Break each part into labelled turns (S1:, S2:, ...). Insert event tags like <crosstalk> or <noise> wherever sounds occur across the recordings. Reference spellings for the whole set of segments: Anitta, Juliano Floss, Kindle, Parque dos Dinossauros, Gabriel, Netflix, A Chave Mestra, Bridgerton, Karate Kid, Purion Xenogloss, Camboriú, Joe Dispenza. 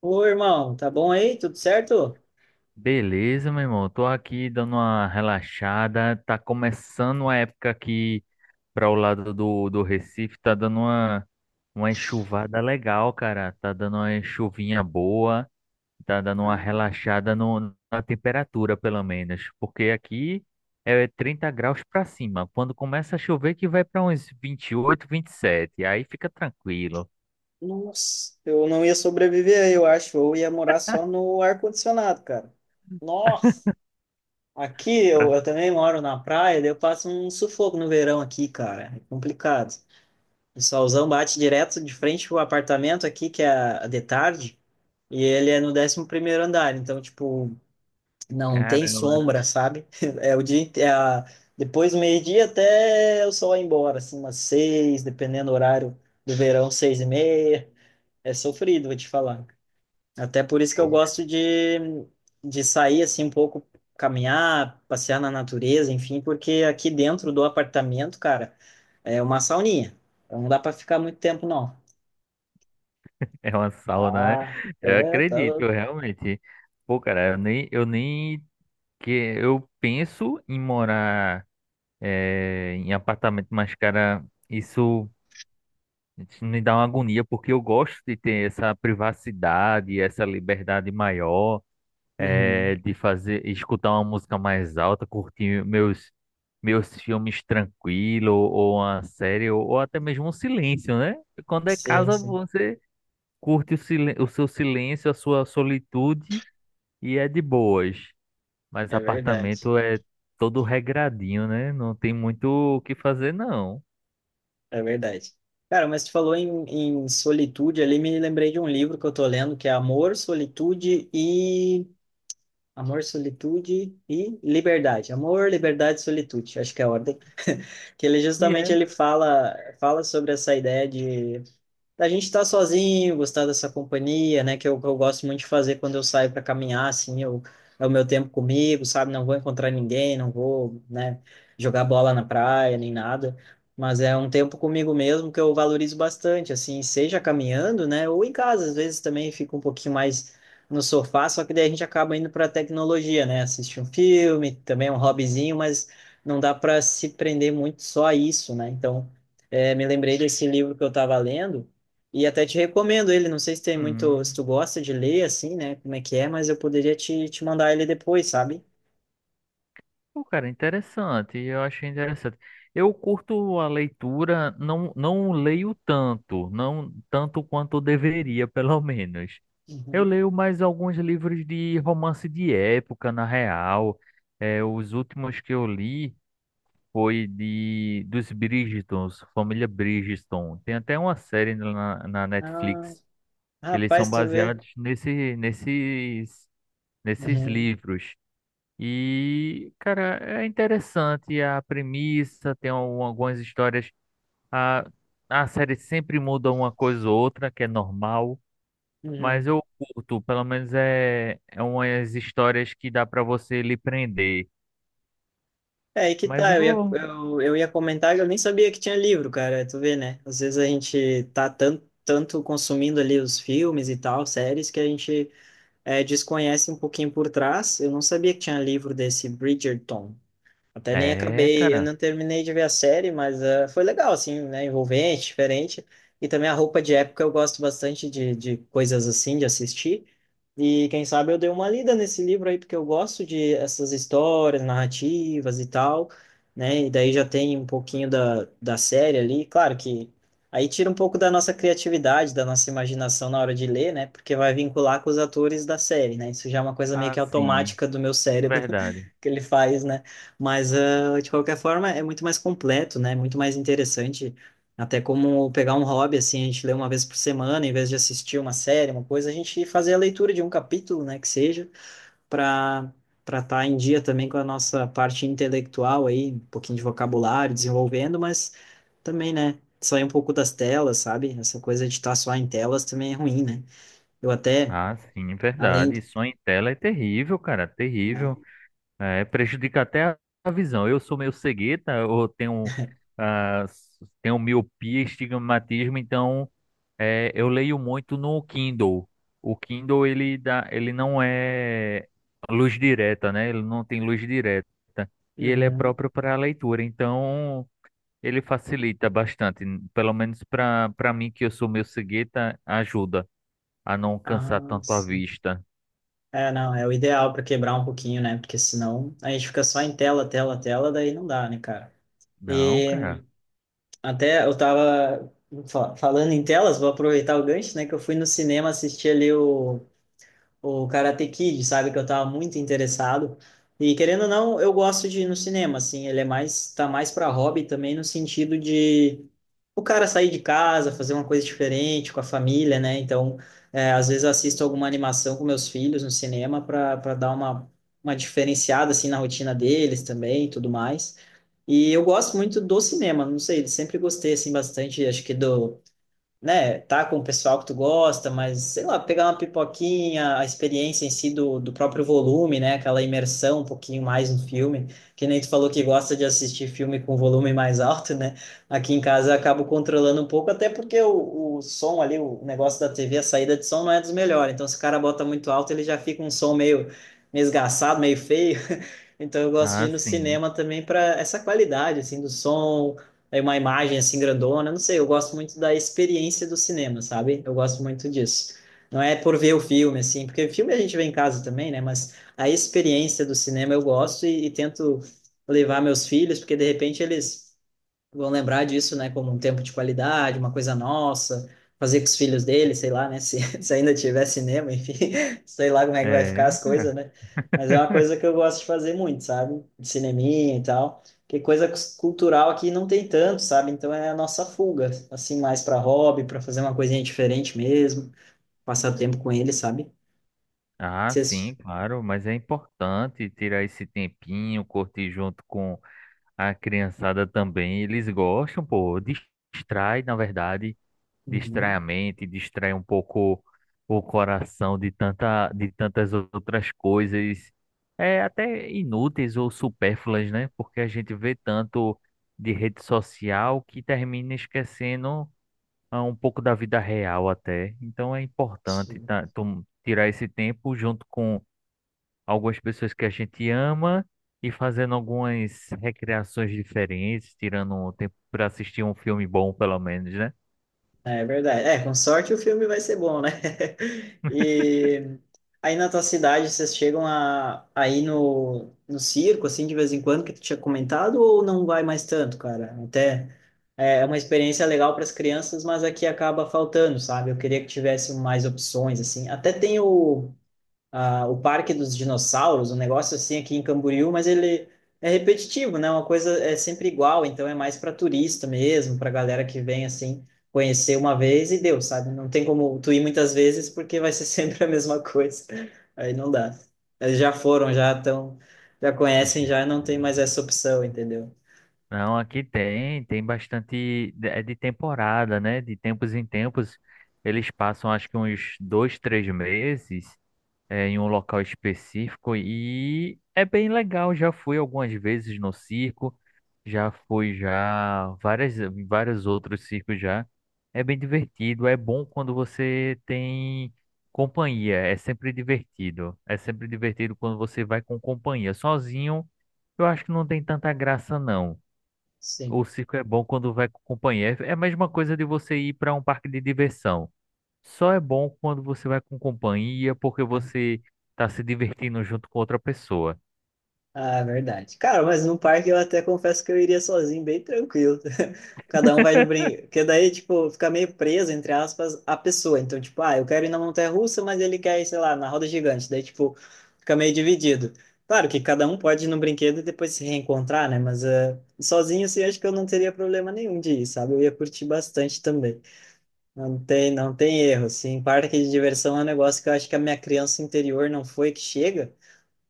S1: Ô, irmão, tá bom aí? Tudo certo?
S2: Beleza, meu irmão. Tô aqui dando uma relaxada. Tá começando a época aqui para o lado do Recife. Tá dando uma enxuvada legal, cara. Tá dando uma chuvinha boa. Tá dando uma
S1: Ah,
S2: relaxada no, na temperatura, pelo menos. Porque aqui é 30 graus pra cima. Quando começa a chover, que vai pra uns vinte e oito, 27. Aí fica tranquilo.
S1: nossa, eu não ia sobreviver aí, eu acho. Eu ia morar só no ar-condicionado, cara.
S2: <laughs>
S1: Nossa, aqui eu,
S2: Pra
S1: eu também moro na praia, daí eu passo um sufoco no verão aqui, cara. É complicado. O solzão bate direto de frente pro apartamento aqui, que é de tarde, e ele é no décimo primeiro andar. Então, tipo, não tem
S2: caramba.
S1: sombra, sabe? <laughs> É o dia, inte- é a- Depois do meio-dia até o sol ir embora, assim, umas seis, dependendo do horário do verão, seis e meia. É sofrido, vou te falar. Até por isso que eu gosto de, sair, assim, um pouco, caminhar, passear na natureza, enfim, porque aqui dentro do apartamento, cara, é uma sauninha. Então não dá para ficar muito tempo, não.
S2: <laughs> É uma sauna, né?
S1: Ah,
S2: Eu
S1: é, tá
S2: acredito,
S1: louco.
S2: eu realmente. Pô, cara, eu nem que eu penso em morar em apartamento, mas, cara, isso me dá uma agonia, porque eu gosto de ter essa privacidade, essa liberdade maior,
S1: Uhum.
S2: de fazer, escutar uma música mais alta, curtir meus filmes tranquilo, ou uma série, ou até mesmo um silêncio, né? Quando é
S1: Sim,
S2: casa,
S1: sim,
S2: você curte o seu silêncio, a sua solitude e é de boas. Mas
S1: é verdade.
S2: apartamento é todo regradinho, né? Não tem muito o que fazer, não.
S1: É verdade. Cara, mas tu falou em solitude ali, me lembrei de um livro que eu tô lendo que é Amor, Solitude e. Amor, Solitude e Liberdade. Amor, Liberdade e Solitude, acho que é a ordem. <laughs> Que ele
S2: E
S1: justamente
S2: é.
S1: ele fala, fala sobre essa ideia de da gente estar sozinho, gostar dessa companhia, né? Que eu gosto muito de fazer quando eu saio para caminhar, assim, eu, é o meu tempo comigo, sabe? Não vou encontrar ninguém, não vou, né, jogar bola na praia, nem nada. Mas é um tempo comigo mesmo que eu valorizo bastante, assim, seja caminhando, né? Ou em casa, às vezes também fico um pouquinho mais no sofá, só que daí a gente acaba indo para a tecnologia, né? Assistir um filme, também é um hobbyzinho, mas não dá para se prender muito só a isso, né? Então, é, me lembrei desse livro que eu estava lendo, e até te recomendo ele, não sei se tem muito, se
S2: Hum.
S1: tu gosta de ler assim, né, como é que é, mas eu poderia te, mandar ele depois, sabe?
S2: Pô, cara, interessante. Eu achei interessante. Eu curto a leitura, não, não leio tanto, não tanto quanto eu deveria, <laughs> pelo menos. Eu
S1: Uhum.
S2: leio mais alguns livros de romance de época, na real. É, os últimos que eu li foi de dos Bridgertons, família Bridgerton. Tem até uma série na
S1: Ah,
S2: Netflix que eles são
S1: rapaz, tu vê.
S2: baseados nesses
S1: Uhum.
S2: livros. E, cara, é interessante a premissa, tem algumas histórias. A, a série sempre muda uma coisa ou outra, que é normal, mas
S1: Uhum.
S2: eu curto, pelo menos é umas histórias que dá pra você lhe prender.
S1: É, aí que
S2: Mas
S1: tá,
S2: eu vou.
S1: eu ia comentar que eu nem sabia que tinha livro, cara, tu vê, né? Às vezes a gente tá tanto, tanto consumindo ali os filmes e tal, séries, que a gente é, desconhece um pouquinho por trás. Eu não sabia que tinha livro desse Bridgerton. Até nem
S2: É,
S1: acabei, eu
S2: cara,
S1: não terminei de ver a série, mas foi legal, assim, né? Envolvente, diferente. E também a roupa de época eu gosto bastante de, coisas assim, de assistir. E quem sabe eu dei uma lida nesse livro aí, porque eu gosto de essas histórias, narrativas e tal, né? E daí já tem um pouquinho da série ali. Claro que aí tira um pouco da nossa criatividade, da nossa imaginação na hora de ler, né? Porque vai vincular com os atores da série, né? Isso já é uma coisa meio que
S2: assim,
S1: automática do meu cérebro
S2: verdade.
S1: <laughs> que ele faz, né? Mas, ah, de qualquer forma, é muito mais completo, né? Muito mais interessante. Até como pegar um hobby, assim, a gente lê uma vez por semana, em vez de assistir uma série, uma coisa, a gente fazer a leitura de um capítulo, né? Que seja, para para estar em dia também com a nossa parte intelectual aí, um pouquinho de vocabulário desenvolvendo, mas também, né? Sair um pouco das telas, sabe? Essa coisa de estar só em telas também é ruim, né? Eu até,
S2: Ah, sim,
S1: além.
S2: verdade. Sonho em tela é terrível, cara,
S1: Né?
S2: terrível. É, prejudica até a visão. Eu sou meio cegueta, eu tenho, ah, tenho miopia, estigmatismo, então é, eu leio muito no Kindle. O Kindle, ele dá, ele não é luz direta, né? Ele não tem luz direta. E ele é
S1: Uhum.
S2: próprio para leitura, então ele facilita bastante. Pelo menos para mim, que eu sou meio cegueta, ajuda a não cansar
S1: Ah,
S2: tanto a
S1: sim.
S2: vista.
S1: É, não, é o ideal para quebrar um pouquinho, né? Porque senão a gente fica só em tela, tela, tela, daí não dá, né, cara?
S2: Não,
S1: E
S2: cara.
S1: até eu tava falando em telas, vou aproveitar o gancho, né? Que eu fui no cinema assistir ali o Karate Kid, sabe? Que eu tava muito interessado. E querendo ou não, eu gosto de ir no cinema, assim. Ele é mais, tá mais para hobby também no sentido de o cara sair de casa, fazer uma coisa diferente com a família, né? Então, é, às vezes eu assisto alguma animação com meus filhos no cinema para dar uma diferenciada, assim, na rotina deles também e tudo mais. E eu gosto muito do cinema, não sei, sempre gostei, assim, bastante, acho que do né, tá com o pessoal que tu gosta, mas sei lá, pegar uma pipoquinha, a experiência em si do, próprio volume, né, aquela imersão um pouquinho mais no filme, que nem tu falou que gosta de assistir filme com volume mais alto, né? Aqui em casa eu acabo controlando um pouco, até porque o som ali, o negócio da TV, a saída de som não é dos melhores, então se o cara bota muito alto, ele já fica um som meio, meio esgarçado, meio feio. <laughs> Então eu gosto de
S2: Ah,
S1: ir no
S2: sim.
S1: cinema também para essa qualidade assim do som, aí uma imagem assim grandona, não sei, eu gosto muito da experiência do cinema, sabe? Eu gosto muito disso. Não é por ver o filme, assim, porque filme a gente vê em casa também, né? Mas a experiência do cinema eu gosto e tento levar meus filhos, porque de repente eles vão lembrar disso, né, como um tempo de qualidade, uma coisa nossa, fazer com os filhos dele, sei lá, né, se, <laughs> se ainda tiver cinema, enfim, <laughs> sei lá como é que vai ficar
S2: É.
S1: as coisas, né? Mas é uma coisa que eu gosto de fazer muito, sabe? De cineminha e tal. Que coisa cultural aqui não tem tanto, sabe? Então é a nossa fuga, assim, mais para hobby, para fazer uma coisinha diferente mesmo, passar tempo com ele, sabe?
S2: Ah,
S1: Vocês...
S2: sim, claro. Mas é importante tirar esse tempinho, curtir junto com a criançada também. Eles gostam, pô. Distrai, na verdade. Distrai
S1: Uhum.
S2: a mente, distrai um pouco o coração de tantas outras coisas. É até inúteis ou supérfluas, né? Porque a gente vê tanto de rede social que termina esquecendo a um pouco da vida real até. Então é importante tá, tirar esse tempo junto com algumas pessoas que a gente ama e fazendo algumas recreações diferentes, tirando um tempo para assistir um filme bom, pelo menos, né?
S1: É verdade. É, com sorte o filme vai ser bom, né? <laughs> E aí na tua cidade vocês chegam a, ir no circo, assim, de vez em quando, que tu tinha comentado, ou não vai mais tanto, cara? Até é uma experiência legal para as crianças, mas aqui acaba faltando, sabe? Eu queria que tivesse mais opções, assim. Até tem o Parque dos Dinossauros, um negócio assim aqui em Camboriú, mas ele é repetitivo, né? Uma coisa é sempre igual, então é mais para turista mesmo, para galera que vem assim conhecer uma vez e deu, sabe? Não tem como tu ir muitas vezes porque vai ser <laughs> sempre a mesma coisa. <laughs> Aí não dá. Eles já foram, já estão, já conhecem,
S2: Já-
S1: já não tem mais essa opção, entendeu?
S2: Não, aqui tem bastante, é de temporada, né? De tempos em tempos, eles passam acho que uns 2, 3 meses é, em um local específico e é bem legal. Já fui algumas vezes no circo, já fui já várias vários outros circos já. É bem divertido, é bom quando você tem companhia, é sempre divertido. É sempre divertido quando você vai com companhia. Sozinho, eu acho que não tem tanta graça não.
S1: Sim.
S2: O circo é bom quando vai com companhia. É a mesma coisa de você ir para um parque de diversão. Só é bom quando você vai com companhia, porque você tá se divertindo junto com outra pessoa.
S1: Ah, é verdade. Cara, mas no parque eu até confesso que eu iria sozinho, bem tranquilo. <laughs> Cada um vai no brinquedo. Porque daí, tipo, fica meio preso, entre aspas, a pessoa. Então, tipo, ah, eu quero ir na montanha-russa, mas ele quer ir, sei lá, na roda gigante. Daí, tipo, fica meio dividido. Claro que cada um pode ir no brinquedo e depois se reencontrar, né? Mas sozinho, assim, acho que eu não teria problema nenhum de ir, sabe? Eu ia curtir bastante também. Não tem, não tem erro, assim. Parque de diversão é um negócio que eu acho que a minha criança interior não foi que chega.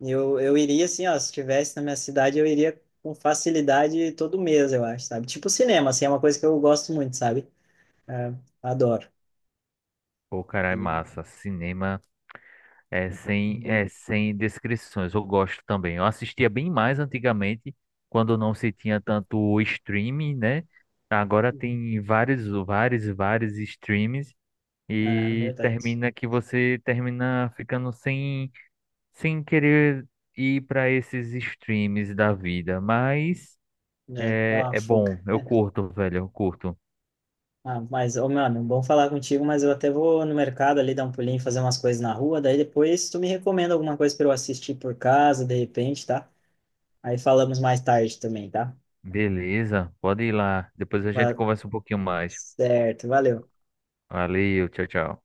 S1: E eu iria assim, ó, se tivesse na minha cidade, eu iria com facilidade todo mês, eu acho, sabe? Tipo cinema, assim, é uma coisa que eu gosto muito, sabe? É, adoro.
S2: Pô, cara,
S1: E...
S2: é massa. Cinema é sem,
S1: Bom.
S2: é sem descrições. Eu gosto também. Eu assistia bem mais antigamente, quando não se tinha tanto streaming, né? Agora
S1: Uhum.
S2: tem vários, vários, vários streams
S1: É,
S2: e
S1: verdade.
S2: termina que você termina ficando sem, querer ir para esses streams da vida. Mas.
S1: É, dá
S2: É,
S1: uma
S2: é
S1: fuga.
S2: bom, eu curto, velho, eu curto.
S1: Ah, mas, ô, mano, bom falar contigo, mas eu até vou no mercado ali dar um pulinho, fazer umas coisas na rua, daí depois tu me recomenda alguma coisa para eu assistir por casa, de repente, tá? Aí falamos mais tarde também, tá?
S2: Beleza, pode ir lá. Depois a gente
S1: Va-
S2: conversa um pouquinho mais.
S1: Certo, valeu.
S2: Valeu, tchau, tchau.